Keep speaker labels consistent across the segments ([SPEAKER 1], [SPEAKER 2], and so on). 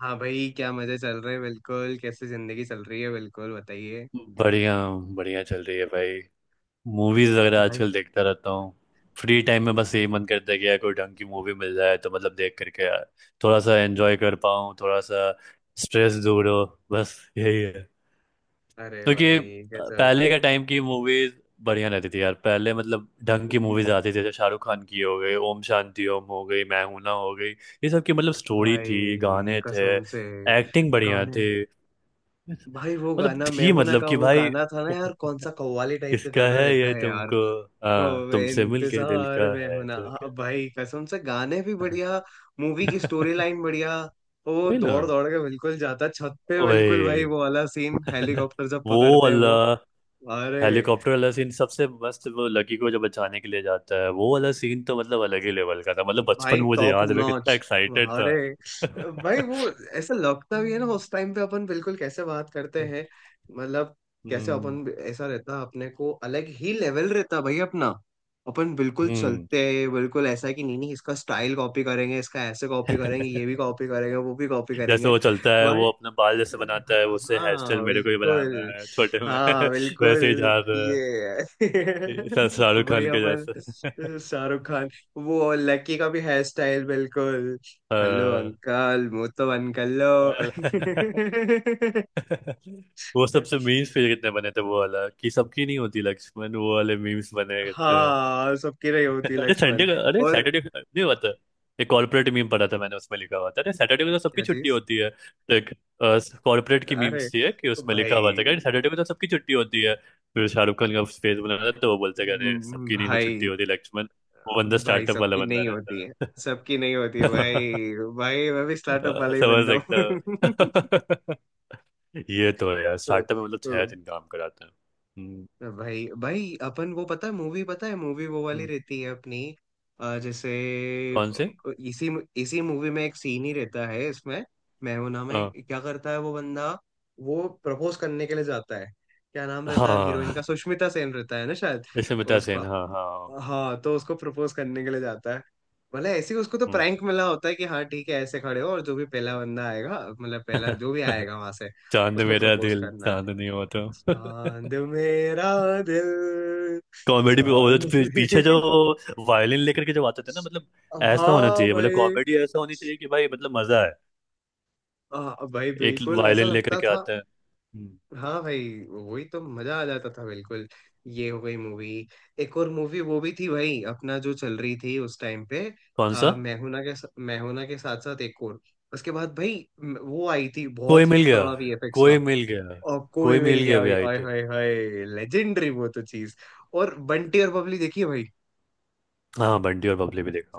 [SPEAKER 1] हाँ भाई, क्या मजे चल रहे हैं? बिल्कुल कैसे जिंदगी चल रही है, बिल्कुल बताइए।
[SPEAKER 2] बढ़िया। बढ़िया चल रही है भाई। मूवीज वगैरह
[SPEAKER 1] भाई!
[SPEAKER 2] आजकल देखता रहता हूँ। फ्री टाइम में बस यही
[SPEAKER 1] अरे!
[SPEAKER 2] मन करता है कि यार कोई ढंग की मूवी मिल जाए तो मतलब देख करके यार थोड़ा सा एंजॉय कर पाऊँ, थोड़ा सा स्ट्रेस दूर हो। बस यही है।
[SPEAKER 1] अरे
[SPEAKER 2] क्योंकि
[SPEAKER 1] भाई गजब।
[SPEAKER 2] पहले का टाइम की मूवीज बढ़िया रहती थी यार। पहले मतलब ढंग की
[SPEAKER 1] हम्म।
[SPEAKER 2] मूवीज आती थी, जैसे शाहरुख खान की हो गई, ओम शांति ओम हो गई, मैं हूं ना हो गई। ये सब की मतलब स्टोरी थी,
[SPEAKER 1] भाई
[SPEAKER 2] गाने थे,
[SPEAKER 1] कसम से
[SPEAKER 2] एक्टिंग बढ़िया
[SPEAKER 1] गाने।
[SPEAKER 2] थी।
[SPEAKER 1] भाई वो
[SPEAKER 2] मतलब
[SPEAKER 1] गाना मैं
[SPEAKER 2] थी
[SPEAKER 1] हूं ना
[SPEAKER 2] मतलब
[SPEAKER 1] का,
[SPEAKER 2] कि
[SPEAKER 1] वो
[SPEAKER 2] भाई
[SPEAKER 1] गाना था ना यार, कौन सा कव्वाली टाइप का
[SPEAKER 2] किसका
[SPEAKER 1] गाना
[SPEAKER 2] है
[SPEAKER 1] रहता
[SPEAKER 2] ये
[SPEAKER 1] है यार?
[SPEAKER 2] तुमको, हाँ
[SPEAKER 1] तो
[SPEAKER 2] तुमसे मिलके दिल
[SPEAKER 1] इंतजार
[SPEAKER 2] का
[SPEAKER 1] मैं हूं
[SPEAKER 2] है
[SPEAKER 1] ना।
[SPEAKER 2] तो
[SPEAKER 1] हाँ,
[SPEAKER 2] क्या।
[SPEAKER 1] भाई कसम से गाने भी बढ़िया। मूवी की स्टोरी लाइन बढ़िया। वो
[SPEAKER 2] वही ना।
[SPEAKER 1] दौड़ दौड़ के बिल्कुल जाता छत पे,
[SPEAKER 2] ओए
[SPEAKER 1] बिल्कुल भाई वो वाला सीन, हेलीकॉप्टर जब
[SPEAKER 2] वो
[SPEAKER 1] पकड़ते हैं
[SPEAKER 2] वाला
[SPEAKER 1] वो। अरे
[SPEAKER 2] हेलीकॉप्टर वाला सीन सबसे मस्त। वो लकी को जब बचाने के लिए जाता है वो वाला सीन, तो मतलब अलग ही लेवल का था। मतलब बचपन
[SPEAKER 1] भाई
[SPEAKER 2] में मुझे
[SPEAKER 1] टॉप
[SPEAKER 2] याद है मैं
[SPEAKER 1] नॉच।
[SPEAKER 2] कितना एक्साइटेड
[SPEAKER 1] अरे
[SPEAKER 2] था।
[SPEAKER 1] भाई वो। ऐसा लगता भी है ना उस टाइम पे अपन बिल्कुल कैसे बात करते हैं, मतलब। कैसे
[SPEAKER 2] हम्म।
[SPEAKER 1] अपन, ऐसा रहता अपने को, अलग ही लेवल रहता भाई अपना। अपन बिल्कुल
[SPEAKER 2] हम्म।
[SPEAKER 1] चलते हैं, बिल्कुल ऐसा है कि नहीं नहीं इसका स्टाइल कॉपी करेंगे, इसका ऐसे कॉपी करेंगे, ये भी कॉपी करेंगे, वो भी कॉपी
[SPEAKER 2] जैसे
[SPEAKER 1] करेंगे।
[SPEAKER 2] वो चलता है, वो
[SPEAKER 1] भाई,
[SPEAKER 2] अपना बाल जैसे बनाता है, उससे हेयर स्टाइल
[SPEAKER 1] हाँ
[SPEAKER 2] मेरे को ही
[SPEAKER 1] बिल्कुल।
[SPEAKER 2] बनाना है छोटे में।
[SPEAKER 1] हाँ बिल्कुल।
[SPEAKER 2] वैसे ही जा रहा
[SPEAKER 1] ये
[SPEAKER 2] है, शाहरुख
[SPEAKER 1] भाई
[SPEAKER 2] खान के जैसे।
[SPEAKER 1] अपन शाहरुख खान, वो लकी का भी हेयर स्टाइल बिल्कुल। हेलो
[SPEAKER 2] हाँ।
[SPEAKER 1] अंकल मुंह तो बंद कर लो।
[SPEAKER 2] अल- वो सबसे मीम्स फिर कितने बने थे, वो वाला कि सबकी नहीं होती लक्ष्मण, वो वाले मीम्स बने कितने।
[SPEAKER 1] हाँ, सबकी रही होती
[SPEAKER 2] अरे
[SPEAKER 1] लक्ष्मण।
[SPEAKER 2] संडे का, अरे
[SPEAKER 1] और
[SPEAKER 2] सैटरडे नहीं हुआ था। एक कॉर्पोरेट मीम पढ़ा था मैंने, उसमें लिखा हुआ था अरे सैटरडे को तो सबकी
[SPEAKER 1] क्या
[SPEAKER 2] छुट्टी
[SPEAKER 1] चीज।
[SPEAKER 2] होती है। तो एक कॉर्पोरेट की
[SPEAKER 1] अरे
[SPEAKER 2] मीम्स थी है कि उसमें लिखा हुआ था कि अरे
[SPEAKER 1] भाई!
[SPEAKER 2] सैटरडे को तो सबकी छुट्टी होती है। फिर शाहरुख खान का फेस बना था तो वो बोलते कि अरे सबकी नहीं हो छुट्टी
[SPEAKER 1] भाई!
[SPEAKER 2] होती लक्ष्मण। वो बंदा
[SPEAKER 1] भाई
[SPEAKER 2] स्टार्टअप वाला
[SPEAKER 1] सबकी
[SPEAKER 2] बंदा
[SPEAKER 1] नहीं होती है।
[SPEAKER 2] रहता
[SPEAKER 1] सबकी नहीं होती है
[SPEAKER 2] है।
[SPEAKER 1] भाई। भाई मैं भी स्टार्टअप वाला ही
[SPEAKER 2] समझ
[SPEAKER 1] बंदा
[SPEAKER 2] सकता
[SPEAKER 1] हूँ।
[SPEAKER 2] हूँ। ये तो है यार,
[SPEAKER 1] हाँ,
[SPEAKER 2] स्टार्टअप में मतलब छह
[SPEAKER 1] हाँ।
[SPEAKER 2] दिन काम कराता है। हम्म।
[SPEAKER 1] भाई, भाई अपन वो पता है मूवी, पता है मूवी वो वाली
[SPEAKER 2] हम्म,
[SPEAKER 1] रहती है अपनी। जैसे
[SPEAKER 2] कौन से?
[SPEAKER 1] इसी इसी मूवी में एक सीन ही रहता है इसमें। मैं हूं ना, मैं
[SPEAKER 2] हाँ
[SPEAKER 1] क्या करता है वो बंदा? वो प्रपोज करने के लिए जाता है। क्या नाम रहता है हीरोइन का?
[SPEAKER 2] हाँ
[SPEAKER 1] सुष्मिता सेन रहता है ना शायद।
[SPEAKER 2] इसमें मिता सेन,
[SPEAKER 1] उसका।
[SPEAKER 2] हाँ हाँ।
[SPEAKER 1] हाँ, तो उसको प्रपोज करने के लिए जाता है। मतलब ऐसे ही उसको तो
[SPEAKER 2] हम्म।
[SPEAKER 1] प्रैंक मिला होता है कि हाँ ठीक है, ऐसे खड़े हो, और जो भी पहला बंदा आएगा, मतलब पहला जो भी आएगा वहां से
[SPEAKER 2] चांद
[SPEAKER 1] उसको
[SPEAKER 2] मेरा
[SPEAKER 1] प्रपोज
[SPEAKER 2] दिल,
[SPEAKER 1] करना है।
[SPEAKER 2] चांद नहीं हुआ तो।
[SPEAKER 1] चांद मेरा दिल,
[SPEAKER 2] कॉमेडी भी वो जो
[SPEAKER 1] चांद
[SPEAKER 2] पीछे जो
[SPEAKER 1] में-
[SPEAKER 2] वायलिन लेकर के जब आते थे ना, मतलब ऐसा होना
[SPEAKER 1] हाँ
[SPEAKER 2] चाहिए, मतलब
[SPEAKER 1] भाई।
[SPEAKER 2] कॉमेडी ऐसा होनी चाहिए कि भाई मतलब मजा है।
[SPEAKER 1] हाँ भाई
[SPEAKER 2] एक
[SPEAKER 1] बिल्कुल ऐसा
[SPEAKER 2] वायलिन लेकर
[SPEAKER 1] लगता
[SPEAKER 2] के
[SPEAKER 1] था।
[SPEAKER 2] आता है। हम्म।
[SPEAKER 1] हाँ भाई, वही तो मजा आ जाता था बिल्कुल। ये हो गई मूवी। एक और मूवी वो भी थी भाई अपना, जो चल रही थी उस टाइम पे।
[SPEAKER 2] कौन सा?
[SPEAKER 1] मैहुना के साथ साथ एक और। उसके बाद भाई, वो आई थी
[SPEAKER 2] कोई
[SPEAKER 1] बहुत
[SPEAKER 2] मिल
[SPEAKER 1] ही
[SPEAKER 2] गया।
[SPEAKER 1] तगड़ा वीएफएक्स
[SPEAKER 2] कोई
[SPEAKER 1] का।
[SPEAKER 2] मिल गया।
[SPEAKER 1] और कोई
[SPEAKER 2] कोई
[SPEAKER 1] मिल
[SPEAKER 2] मिल
[SPEAKER 1] गया
[SPEAKER 2] गया भी
[SPEAKER 1] भाई,
[SPEAKER 2] आई
[SPEAKER 1] आय
[SPEAKER 2] थी।
[SPEAKER 1] हाय हाय, लेजेंडरी वो तो चीज। और बंटी और बबली देखिए भाई।
[SPEAKER 2] हाँ बंटी और बबली भी देखा।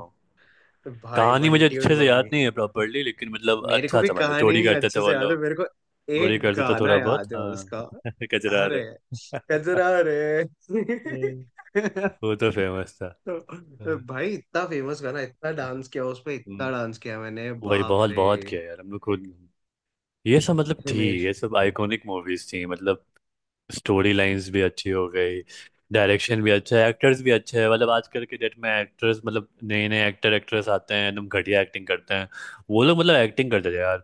[SPEAKER 1] भाई
[SPEAKER 2] कहानी मुझे
[SPEAKER 1] बंटी और
[SPEAKER 2] अच्छे से याद
[SPEAKER 1] बबली।
[SPEAKER 2] नहीं है प्रॉपरली, लेकिन मतलब
[SPEAKER 1] मेरे को
[SPEAKER 2] अच्छा
[SPEAKER 1] भी
[SPEAKER 2] समझ लो
[SPEAKER 1] कहानी
[SPEAKER 2] चोरी
[SPEAKER 1] नहीं
[SPEAKER 2] करते थे
[SPEAKER 1] अच्छे
[SPEAKER 2] वो
[SPEAKER 1] से याद है
[SPEAKER 2] लोग।
[SPEAKER 1] मेरे को।
[SPEAKER 2] चोरी
[SPEAKER 1] एक
[SPEAKER 2] करते थे
[SPEAKER 1] गाना
[SPEAKER 2] थोड़ा बहुत
[SPEAKER 1] याद है
[SPEAKER 2] हाँ।
[SPEAKER 1] उसका।
[SPEAKER 2] कचरा रहे।
[SPEAKER 1] अरे, कजरा रे।
[SPEAKER 2] वो तो फेमस था।
[SPEAKER 1] तो
[SPEAKER 2] हाँ।
[SPEAKER 1] भाई इतना फेमस गाना, इतना डांस किया उसपे, इतना
[SPEAKER 2] हम्म।
[SPEAKER 1] डांस किया मैंने,
[SPEAKER 2] वही
[SPEAKER 1] बाप
[SPEAKER 2] बहुत
[SPEAKER 1] रे।
[SPEAKER 2] बहुत किया यार हम लोग खुद। ये सब मतलब थी,
[SPEAKER 1] हिमेश!
[SPEAKER 2] ये सब आइकॉनिक मूवीज थी मतलब। स्टोरी लाइंस भी अच्छी हो गई, डायरेक्शन भी अच्छा है, एक्टर्स भी अच्छे हैं। मतलब आजकल के डेट में एक्टर्स मतलब नए नए एक्टर एक्ट्रेस आते हैं एकदम घटिया एक्टिंग करते हैं। वो लोग मतलब एक्टिंग करते थे यार।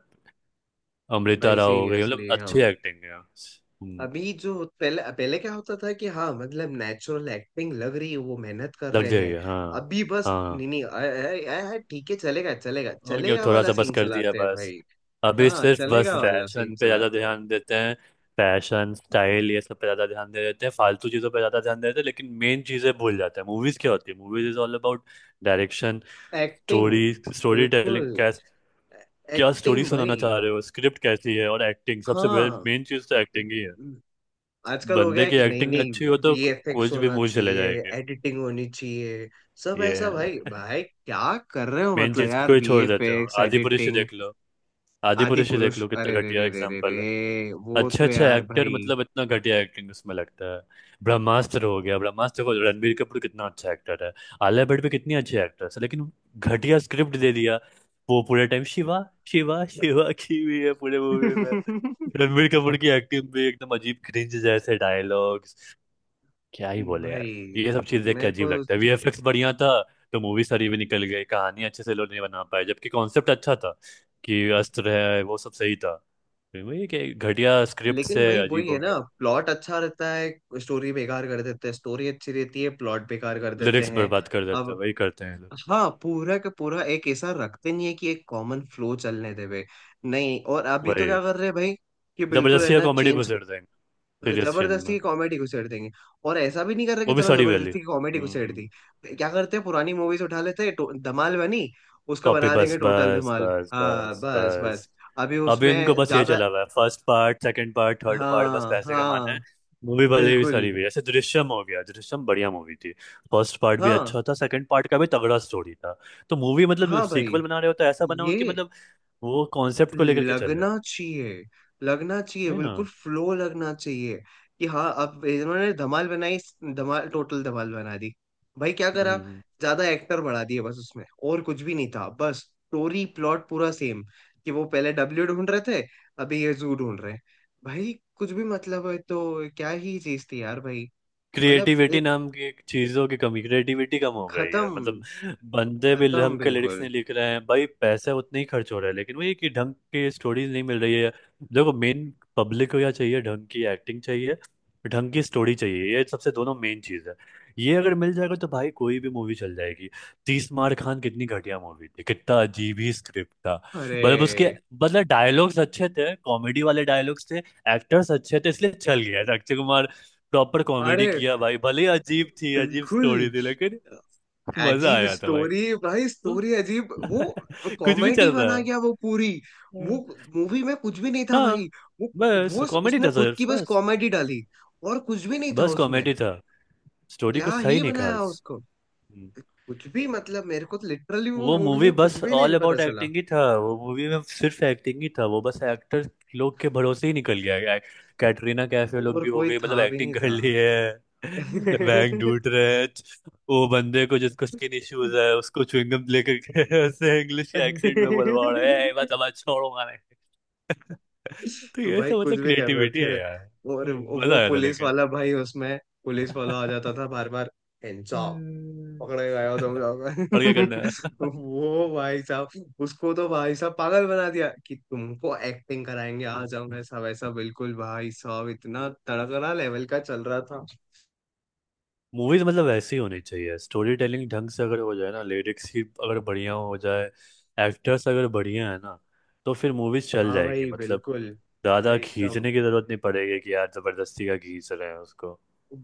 [SPEAKER 2] अमृता
[SPEAKER 1] भाई
[SPEAKER 2] राव हो गई मतलब
[SPEAKER 1] सीरियसली
[SPEAKER 2] अच्छी
[SPEAKER 1] हम।
[SPEAKER 2] एक्टिंग है। हम्म।
[SPEAKER 1] अभी जो, पहले पहले क्या होता था कि हाँ मतलब नेचुरल एक्टिंग लग रही है, वो मेहनत कर
[SPEAKER 2] लग
[SPEAKER 1] रहे
[SPEAKER 2] जाएगी
[SPEAKER 1] हैं।
[SPEAKER 2] हाँ।
[SPEAKER 1] अभी बस
[SPEAKER 2] हाँ
[SPEAKER 1] नहीं नहीं ठीक है चलेगा चलेगा
[SPEAKER 2] और ये
[SPEAKER 1] चलेगा
[SPEAKER 2] थोड़ा
[SPEAKER 1] वाला
[SPEAKER 2] सा बस
[SPEAKER 1] सीन
[SPEAKER 2] कर दिया
[SPEAKER 1] चलाते हैं
[SPEAKER 2] बस।
[SPEAKER 1] भाई।
[SPEAKER 2] अभी
[SPEAKER 1] हाँ,
[SPEAKER 2] सिर्फ बस
[SPEAKER 1] चलेगा वाला
[SPEAKER 2] फैशन
[SPEAKER 1] सीन
[SPEAKER 2] पे ज़्यादा
[SPEAKER 1] चलाते हो।
[SPEAKER 2] ध्यान देते हैं। फैशन स्टाइल ये सब पे ज़्यादा ध्यान दे देते हैं, फालतू चीज़ों पे ज़्यादा ध्यान दे देते हैं, लेकिन मेन चीज़ें भूल जाते हैं। मूवीज़ क्या होती है, movies is all about direction,
[SPEAKER 1] acting
[SPEAKER 2] story, story telling
[SPEAKER 1] बिल्कुल।
[SPEAKER 2] कैस, क्या स्टोरी
[SPEAKER 1] एक्टिंग
[SPEAKER 2] सुनाना
[SPEAKER 1] भाई।
[SPEAKER 2] चाह रहे हो, स्क्रिप्ट कैसी है, और एक्टिंग सबसे
[SPEAKER 1] हाँ।
[SPEAKER 2] मेन चीज़ तो एक्टिंग ही है।
[SPEAKER 1] आजकल हो गया
[SPEAKER 2] बंदे
[SPEAKER 1] है
[SPEAKER 2] की
[SPEAKER 1] कि नहीं
[SPEAKER 2] एक्टिंग
[SPEAKER 1] नहीं
[SPEAKER 2] अच्छी हो तो
[SPEAKER 1] वीएफएक्स
[SPEAKER 2] कुछ भी
[SPEAKER 1] होना
[SPEAKER 2] मूवी चले
[SPEAKER 1] चाहिए,
[SPEAKER 2] जाएंगे।
[SPEAKER 1] एडिटिंग होनी चाहिए। सब ऐसा
[SPEAKER 2] ये
[SPEAKER 1] भाई, भाई क्या कर रहे हो
[SPEAKER 2] मेन
[SPEAKER 1] मतलब
[SPEAKER 2] चीज
[SPEAKER 1] यार,
[SPEAKER 2] को ही छोड़ देते हो।
[SPEAKER 1] वीएफएक्स
[SPEAKER 2] आदिपुरुष ही
[SPEAKER 1] एडिटिंग।
[SPEAKER 2] देख लो,
[SPEAKER 1] आदि
[SPEAKER 2] आदिपुरुष ही देख
[SPEAKER 1] पुरुष,
[SPEAKER 2] लो
[SPEAKER 1] अरे
[SPEAKER 2] कितना
[SPEAKER 1] रे
[SPEAKER 2] घटिया
[SPEAKER 1] रे रे रे
[SPEAKER 2] एग्जाम्पल है।
[SPEAKER 1] रे, वो
[SPEAKER 2] अच्छा
[SPEAKER 1] तो
[SPEAKER 2] अच्छा
[SPEAKER 1] यार
[SPEAKER 2] एक्टर
[SPEAKER 1] भाई।
[SPEAKER 2] मतलब इतना घटिया एक्टिंग उसमें लगता है। ब्रह्मास्त्र हो गया, ब्रह्मास्त्र को रणबीर कपूर कितना अच्छा एक्टर है, आलिया भट्ट भी कितनी अच्छी एक्ट्रेस है, लेकिन घटिया स्क्रिप्ट दे दिया। वो पूरे टाइम शिवा शिवा शिवा की हुई है पूरे मूवी में। रणबीर कपूर की एक्टिंग भी एकदम अजीब, क्रिंज जैसे डायलॉग, क्या ही बोले यार।
[SPEAKER 1] भाई
[SPEAKER 2] ये सब चीज देख के
[SPEAKER 1] मेरे को।
[SPEAKER 2] अजीब लगता है। वीएफएक्स बढ़िया था तो मूवी सारी भी निकल गई, कहानी अच्छे से लोग नहीं बना पाए, जबकि कॉन्सेप्ट अच्छा था कि अस्त्र है, वो सब सही था। फिर वही कि घटिया स्क्रिप्ट
[SPEAKER 1] लेकिन
[SPEAKER 2] से
[SPEAKER 1] भाई वही
[SPEAKER 2] अजीब
[SPEAKER 1] है
[SPEAKER 2] हो
[SPEAKER 1] ना,
[SPEAKER 2] गया।
[SPEAKER 1] प्लॉट अच्छा रहता है स्टोरी बेकार कर देते हैं, स्टोरी अच्छी रहती है प्लॉट बेकार कर देते
[SPEAKER 2] लिरिक्स
[SPEAKER 1] हैं।
[SPEAKER 2] बर्बाद कर देता है,
[SPEAKER 1] अब
[SPEAKER 2] वही करते हैं ये लोग।
[SPEAKER 1] हाँ, पूरा का पूरा एक ऐसा रखते नहीं है कि एक कॉमन फ्लो चलने देवे। नहीं, और अभी तो
[SPEAKER 2] वही
[SPEAKER 1] क्या कर रहे हैं भाई, कि बिल्कुल है
[SPEAKER 2] जबरदस्ती
[SPEAKER 1] ना
[SPEAKER 2] कॉमेडी
[SPEAKER 1] चेंज।
[SPEAKER 2] घुसेड़ देंगे सीरियस फिल्म
[SPEAKER 1] जबरदस्ती
[SPEAKER 2] में।
[SPEAKER 1] की कॉमेडी को छेड़ देंगे। और ऐसा भी नहीं कर रहे कि
[SPEAKER 2] वो भी
[SPEAKER 1] चलो
[SPEAKER 2] सारी वैली।
[SPEAKER 1] जबरदस्ती की कॉमेडी को छेड़ दी।
[SPEAKER 2] हम्म।
[SPEAKER 1] क्या करते हैं, पुरानी मूवीज उठा लेते हैं। धमाल बनी, उसका
[SPEAKER 2] कॉपी
[SPEAKER 1] बना देंगे
[SPEAKER 2] बस
[SPEAKER 1] टोटल
[SPEAKER 2] बस
[SPEAKER 1] धमाल।
[SPEAKER 2] बस
[SPEAKER 1] हाँ
[SPEAKER 2] बस
[SPEAKER 1] बस बस।
[SPEAKER 2] बस।
[SPEAKER 1] अभी
[SPEAKER 2] अभी इनको
[SPEAKER 1] उसमें
[SPEAKER 2] बस ये
[SPEAKER 1] ज्यादा,
[SPEAKER 2] चला हुआ है first part second part third part, बस
[SPEAKER 1] हाँ
[SPEAKER 2] पैसे कमाना है।
[SPEAKER 1] हाँ
[SPEAKER 2] मूवी भले भी
[SPEAKER 1] बिल्कुल।
[SPEAKER 2] सारी भी, जैसे दृश्यम हो गया, दृश्यम बढ़िया मूवी थी। फर्स्ट पार्ट भी
[SPEAKER 1] हाँ
[SPEAKER 2] अच्छा था, सेकंड पार्ट का भी तगड़ा स्टोरी था। तो मूवी मतलब
[SPEAKER 1] हाँ भाई,
[SPEAKER 2] सीक्वल बना रहे हो तो ऐसा बनाओ
[SPEAKER 1] ये
[SPEAKER 2] कि मतलब वो कॉन्सेप्ट को लेकर के चल रहे
[SPEAKER 1] लगना चाहिए, लगना चाहिए
[SPEAKER 2] है ना।
[SPEAKER 1] बिल्कुल फ्लो लगना चाहिए। कि हाँ अब इन्होंने धमाल बनाई, धमाल टोटल धमाल बना दी। भाई क्या
[SPEAKER 2] हम्म।
[SPEAKER 1] करा, ज्यादा एक्टर बढ़ा दिए बस उसमें, और कुछ भी नहीं था, बस स्टोरी प्लॉट पूरा सेम। कि वो पहले डब्ल्यू ढूंढ रहे थे, अभी ये जू ढूंढ रहे हैं भाई। कुछ भी मतलब, है तो क्या ही चीज थी यार भाई। मतलब
[SPEAKER 2] क्रिएटिविटी
[SPEAKER 1] एक,
[SPEAKER 2] नाम की एक चीजों की कमी, क्रिएटिविटी कम हो गई है
[SPEAKER 1] खत्म।
[SPEAKER 2] मतलब। बंदे भी
[SPEAKER 1] खत्म
[SPEAKER 2] ढंग के लिरिक्स
[SPEAKER 1] बिल्कुल।
[SPEAKER 2] नहीं लिख रहे हैं भाई, पैसे उतने ही खर्च हो रहे हैं, लेकिन वही कि ढंग की स्टोरीज नहीं मिल रही है। देखो मेन पब्लिक को क्या चाहिए, ढंग की एक्टिंग चाहिए, ढंग की स्टोरी चाहिए, ये सबसे दोनों मेन चीज है। ये अगर मिल जाएगा तो भाई कोई भी मूवी चल जाएगी। तीस मार खान कितनी घटिया मूवी थी, कितना अजीब ही स्क्रिप्ट था। मतलब उसके
[SPEAKER 1] अरे,
[SPEAKER 2] मतलब डायलॉग्स अच्छे थे, कॉमेडी वाले डायलॉग्स थे, एक्टर्स अच्छे थे, इसलिए चल गया था। अक्षय कुमार प्रॉपर कॉमेडी
[SPEAKER 1] अरे
[SPEAKER 2] किया भाई, भले ही अजीब थी, अजीब
[SPEAKER 1] बिल्कुल,
[SPEAKER 2] स्टोरी थी लेकिन मजा
[SPEAKER 1] अजीब
[SPEAKER 2] आया था भाई।
[SPEAKER 1] स्टोरी भाई,
[SPEAKER 2] हाँ।
[SPEAKER 1] स्टोरी अजीब। वो
[SPEAKER 2] कुछ भी
[SPEAKER 1] कॉमेडी
[SPEAKER 2] चल
[SPEAKER 1] बना
[SPEAKER 2] रहा
[SPEAKER 1] गया वो पूरी।
[SPEAKER 2] है।
[SPEAKER 1] वो मूवी में कुछ भी नहीं था भाई।
[SPEAKER 2] हाँ
[SPEAKER 1] वो
[SPEAKER 2] बस
[SPEAKER 1] वो
[SPEAKER 2] कॉमेडी
[SPEAKER 1] उसने
[SPEAKER 2] था सर
[SPEAKER 1] खुद की बस
[SPEAKER 2] बस।
[SPEAKER 1] कॉमेडी डाली, और कुछ भी नहीं था
[SPEAKER 2] बस
[SPEAKER 1] उसमें।
[SPEAKER 2] कॉमेडी था, स्टोरी
[SPEAKER 1] क्या
[SPEAKER 2] कुछ था ही
[SPEAKER 1] ही
[SPEAKER 2] नहीं
[SPEAKER 1] बनाया
[SPEAKER 2] खास।
[SPEAKER 1] उसको।
[SPEAKER 2] हम्म।
[SPEAKER 1] कुछ भी मतलब, मेरे को तो लिटरली वो
[SPEAKER 2] वो
[SPEAKER 1] मूवी
[SPEAKER 2] मूवी
[SPEAKER 1] में कुछ
[SPEAKER 2] बस
[SPEAKER 1] भी
[SPEAKER 2] ऑल
[SPEAKER 1] नहीं पता
[SPEAKER 2] अबाउट
[SPEAKER 1] चला।
[SPEAKER 2] एक्टिंग ही था, वो मूवी में सिर्फ एक्टिंग ही था, वो बस एक्टर लोग के भरोसे ही निकल गया। कैटरीना कैफ ये लोग
[SPEAKER 1] और
[SPEAKER 2] भी हो
[SPEAKER 1] कोई
[SPEAKER 2] गई मतलब
[SPEAKER 1] था भी
[SPEAKER 2] एक्टिंग
[SPEAKER 1] नहीं
[SPEAKER 2] कर
[SPEAKER 1] था।
[SPEAKER 2] ली है। बैंक ढूंढ रहे हैं वो बंदे को जिसको स्किन इश्यूज है उसको च्युइंगम लेकर के उससे इंग्लिश एक्सेंट में बोलवा रहे हैं "ए, बस अब छोड़ो मारे। तो ये
[SPEAKER 1] भाई
[SPEAKER 2] सब
[SPEAKER 1] कुछ
[SPEAKER 2] मतलब
[SPEAKER 1] भी कर रहे
[SPEAKER 2] क्रिएटिविटी है
[SPEAKER 1] थे।
[SPEAKER 2] यार।
[SPEAKER 1] और
[SPEAKER 2] ए, मजा
[SPEAKER 1] वो
[SPEAKER 2] आया था
[SPEAKER 1] पुलिस
[SPEAKER 2] लेकिन।
[SPEAKER 1] वाला भाई उसमें, पुलिस वाला आ जाता था बार बार,
[SPEAKER 2] हम्म।
[SPEAKER 1] पकड़े गए हो तुम लोग।
[SPEAKER 2] और क्या करना है।
[SPEAKER 1] तो वो भाई साहब, उसको तो भाई साहब पागल बना दिया कि तुमको एक्टिंग कराएंगे, आ जाओ, ऐसा वैसा, बिल्कुल भाई साहब इतना तड़कना लेवल का चल रहा था।
[SPEAKER 2] मूवीज मतलब वैसे ही होनी चाहिए, स्टोरी टेलिंग ढंग से अगर हो जाए ना, लिरिक्स ही अगर बढ़िया हो जाए, एक्टर्स अगर बढ़िया है ना, तो फिर मूवीज चल
[SPEAKER 1] हाँ
[SPEAKER 2] जाएगी
[SPEAKER 1] भाई
[SPEAKER 2] मतलब।
[SPEAKER 1] बिल्कुल। अरे
[SPEAKER 2] ज़्यादा
[SPEAKER 1] एकदम।
[SPEAKER 2] खींचने की ज़रूरत नहीं पड़ेगी कि यार ज़बरदस्ती का खींच रहे हैं उसको।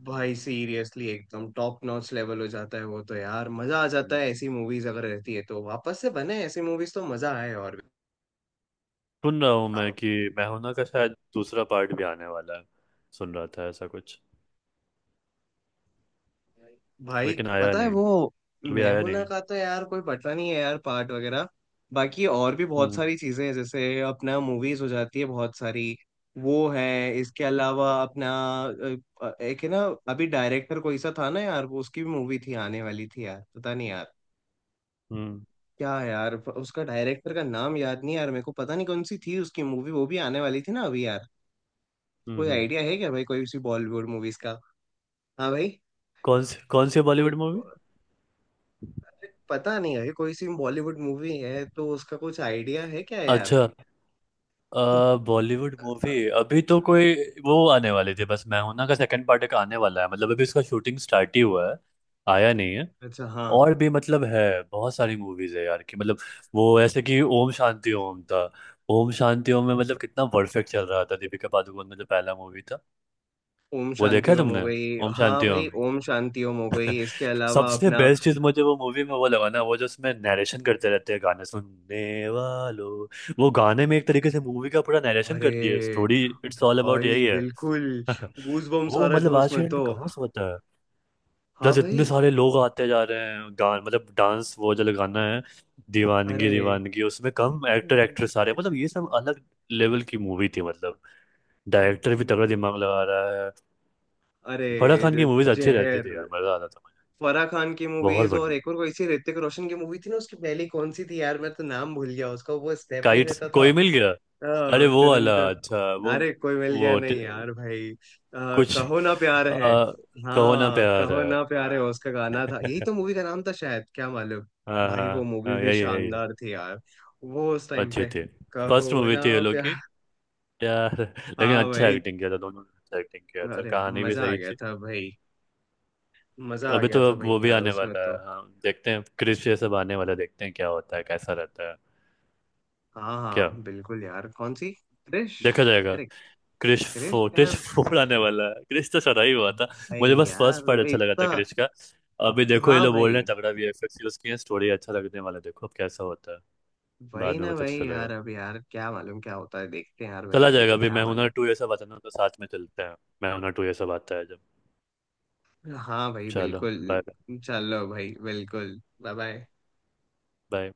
[SPEAKER 1] भाई सीरियसली एकदम टॉप नॉच लेवल हो जाता है वो तो यार, मजा आ जाता
[SPEAKER 2] हम्म,
[SPEAKER 1] है। ऐसी मूवीज अगर रहती है तो वापस से बने ऐसी मूवीज तो मजा आए।
[SPEAKER 2] सुन रहा हूँ मैं
[SPEAKER 1] और
[SPEAKER 2] कि मैं हूं ना का शायद दूसरा पार्ट भी आने वाला है। सुन रहा था ऐसा कुछ,
[SPEAKER 1] भाई,
[SPEAKER 2] लेकिन आया
[SPEAKER 1] पता है
[SPEAKER 2] नहीं,
[SPEAKER 1] वो,
[SPEAKER 2] अभी
[SPEAKER 1] मैं
[SPEAKER 2] आया
[SPEAKER 1] हूं ना
[SPEAKER 2] नहीं।
[SPEAKER 1] का तो यार कोई पता नहीं है यार, पार्ट वगैरह। बाकी और भी बहुत
[SPEAKER 2] हम्म।
[SPEAKER 1] सारी चीजें हैं, जैसे अपना मूवीज हो जाती है बहुत सारी। वो है। इसके अलावा अपना, एक है ना, अभी डायरेक्टर कोई सा था ना यार, वो उसकी भी मूवी थी आने वाली थी यार, पता नहीं यार
[SPEAKER 2] हम्म।
[SPEAKER 1] क्या है यार। उसका डायरेक्टर का नाम याद नहीं यार मेरे को, पता नहीं कौन सी थी उसकी मूवी, वो भी आने वाली थी ना अभी यार।
[SPEAKER 2] हम्म।
[SPEAKER 1] कोई
[SPEAKER 2] हम्म।
[SPEAKER 1] आइडिया है क्या भाई, कोई सी बॉलीवुड मूवीज का? हाँ भाई।
[SPEAKER 2] कौन सी
[SPEAKER 1] कोई
[SPEAKER 2] बॉलीवुड मूवी?
[SPEAKER 1] पता नहीं है, कोई सी बॉलीवुड मूवी है तो उसका कुछ आइडिया है क्या यार?
[SPEAKER 2] अच्छा, बॉलीवुड मूवी। अभी तो कोई वो आने वाली थी, बस मैं हूं ना का सेकंड पार्ट का आने वाला है मतलब अभी उसका शूटिंग स्टार्ट ही हुआ है, आया नहीं है।
[SPEAKER 1] अच्छा, हाँ
[SPEAKER 2] और भी मतलब है बहुत सारी मूवीज है यार, कि मतलब वो ऐसे कि ओम शांति ओम था। ओम शांति ओम में मतलब कितना परफेक्ट चल रहा था। दीपिका पादुकोण में जो पहला मूवी था,
[SPEAKER 1] ओम
[SPEAKER 2] वो देखा
[SPEAKER 1] शांति
[SPEAKER 2] है
[SPEAKER 1] ओम हो
[SPEAKER 2] तुमने,
[SPEAKER 1] गई।
[SPEAKER 2] ओम
[SPEAKER 1] हाँ
[SPEAKER 2] शांति
[SPEAKER 1] भाई,
[SPEAKER 2] ओम।
[SPEAKER 1] ओम शांति ओम हो गई। इसके अलावा
[SPEAKER 2] सबसे
[SPEAKER 1] अपना,
[SPEAKER 2] बेस्ट चीज मुझे वो मूवी में वो लगा ना, वो जो उसमें नरेशन करते रहते हैं गाने सुनने वालों, वो गाने में एक तरीके से मूवी का पूरा नरेशन कर दिया,
[SPEAKER 1] अरे
[SPEAKER 2] स्टोरी इट्स ऑल अबाउट
[SPEAKER 1] भाई
[SPEAKER 2] यही है।
[SPEAKER 1] बिल्कुल। गूज बम्स आ
[SPEAKER 2] वो
[SPEAKER 1] रहे थे
[SPEAKER 2] मतलब आज के
[SPEAKER 1] उसमें
[SPEAKER 2] डेट
[SPEAKER 1] तो।
[SPEAKER 2] में कहाँ से होता है।
[SPEAKER 1] हाँ
[SPEAKER 2] प्लस इतने
[SPEAKER 1] भाई।
[SPEAKER 2] सारे लोग आते जा रहे हैं, गान मतलब डांस वो जो गाना है दीवानगी
[SPEAKER 1] अरे।
[SPEAKER 2] दीवानगी उसमें कम एक्टर
[SPEAKER 1] हम्म।
[SPEAKER 2] एक्ट्रेस आ रहे हैं, मतलब ये सब अलग लेवल की मूवी थी मतलब।
[SPEAKER 1] अब-
[SPEAKER 2] डायरेक्टर भी तगड़ा दिमाग लगा रहा है।
[SPEAKER 1] अरे
[SPEAKER 2] फराह खान की मूवीज अच्छी रहती
[SPEAKER 1] जहर।
[SPEAKER 2] थी यार, मजा आता था।
[SPEAKER 1] फराह खान की
[SPEAKER 2] बहुत
[SPEAKER 1] मूवीज, और
[SPEAKER 2] बढ़िया।
[SPEAKER 1] एक और कोई सी ऋतिक रोशन की मूवी थी ना, उसकी पहली कौन सी थी यार, मैं तो नाम भूल गया उसका, वो स्टेप नहीं
[SPEAKER 2] काइट्स,
[SPEAKER 1] रहता
[SPEAKER 2] कोई मिल गया, अरे वो वाला
[SPEAKER 1] था।
[SPEAKER 2] अच्छा वो
[SPEAKER 1] अरे, कोई मिल गया
[SPEAKER 2] वो
[SPEAKER 1] नहीं
[SPEAKER 2] ट-
[SPEAKER 1] यार भाई।
[SPEAKER 2] कुछ
[SPEAKER 1] कहो ना प्यार है।
[SPEAKER 2] आ, कहो ना
[SPEAKER 1] हाँ,
[SPEAKER 2] प्यार
[SPEAKER 1] कहो
[SPEAKER 2] है।
[SPEAKER 1] ना प्यार है,
[SPEAKER 2] हाँ
[SPEAKER 1] उसका गाना था, यही तो मूवी का नाम था शायद, क्या मालूम।
[SPEAKER 2] हाँ।
[SPEAKER 1] भाई
[SPEAKER 2] हाँ,
[SPEAKER 1] वो मूवी
[SPEAKER 2] हाँ,
[SPEAKER 1] भी
[SPEAKER 2] यही है, यही है।
[SPEAKER 1] शानदार थी यार। वो उस टाइम
[SPEAKER 2] अच्छे
[SPEAKER 1] पे,
[SPEAKER 2] थे। फर्स्ट
[SPEAKER 1] कहो
[SPEAKER 2] मूवी
[SPEAKER 1] ना
[SPEAKER 2] थी ये लोग की
[SPEAKER 1] प्यार,
[SPEAKER 2] यार, लेकिन
[SPEAKER 1] हाँ
[SPEAKER 2] अच्छा
[SPEAKER 1] भाई।
[SPEAKER 2] एक्टिंग किया था दोनों ने, अच्छा एक्टिंग किया था,
[SPEAKER 1] अरे,
[SPEAKER 2] कहानी भी
[SPEAKER 1] मजा आ
[SPEAKER 2] सही
[SPEAKER 1] गया
[SPEAKER 2] थी।
[SPEAKER 1] था भाई। मजा आ
[SPEAKER 2] अभी
[SPEAKER 1] गया
[SPEAKER 2] तो
[SPEAKER 1] था
[SPEAKER 2] अब
[SPEAKER 1] भाई
[SPEAKER 2] वो भी
[SPEAKER 1] यार,
[SPEAKER 2] आने
[SPEAKER 1] उसमें
[SPEAKER 2] वाला है
[SPEAKER 1] तो।
[SPEAKER 2] हाँ, देखते हैं, क्रिश ये सब आने वाला है, देखते हैं क्या होता है कैसा रहता है।
[SPEAKER 1] हाँ
[SPEAKER 2] क्या
[SPEAKER 1] हाँ बिल्कुल यार। कौन सी क्रिश,
[SPEAKER 2] देखा जाएगा।
[SPEAKER 1] अरे
[SPEAKER 2] क्रिश
[SPEAKER 1] क्रिश
[SPEAKER 2] फोर क्रिश
[SPEAKER 1] यार?
[SPEAKER 2] फोर आने वाला है, क्रिश तो चला ही हुआ था।
[SPEAKER 1] भाई
[SPEAKER 2] मुझे बस फर्स्ट
[SPEAKER 1] यार
[SPEAKER 2] पार्ट अच्छा लगा था
[SPEAKER 1] इतना,
[SPEAKER 2] क्रिश का। अभी देखो ये
[SPEAKER 1] हाँ
[SPEAKER 2] लोग बोल रहे
[SPEAKER 1] भाई
[SPEAKER 2] हैं तगड़ा वीएफएक्स यूज किए, स्टोरी अच्छा लगने वाला है, देखो अब कैसा होता है।
[SPEAKER 1] वही
[SPEAKER 2] बाद में
[SPEAKER 1] ना
[SPEAKER 2] पता
[SPEAKER 1] भाई
[SPEAKER 2] चलेगा,
[SPEAKER 1] यार, अब यार क्या मालूम क्या होता है, देखते हैं यार भाई,
[SPEAKER 2] चला
[SPEAKER 1] अभी
[SPEAKER 2] जाएगा।
[SPEAKER 1] तो
[SPEAKER 2] अभी
[SPEAKER 1] क्या
[SPEAKER 2] मैं हुनर
[SPEAKER 1] मालूम।
[SPEAKER 2] टू ये सब आता है ना, तो साथ में चलते हैं। मैं हुनर 2 ये सब आता है जब।
[SPEAKER 1] हाँ भाई
[SPEAKER 2] चलो,
[SPEAKER 1] बिल्कुल।
[SPEAKER 2] बाय।
[SPEAKER 1] चलो भाई बिल्कुल, बाय बाय।
[SPEAKER 2] बाय।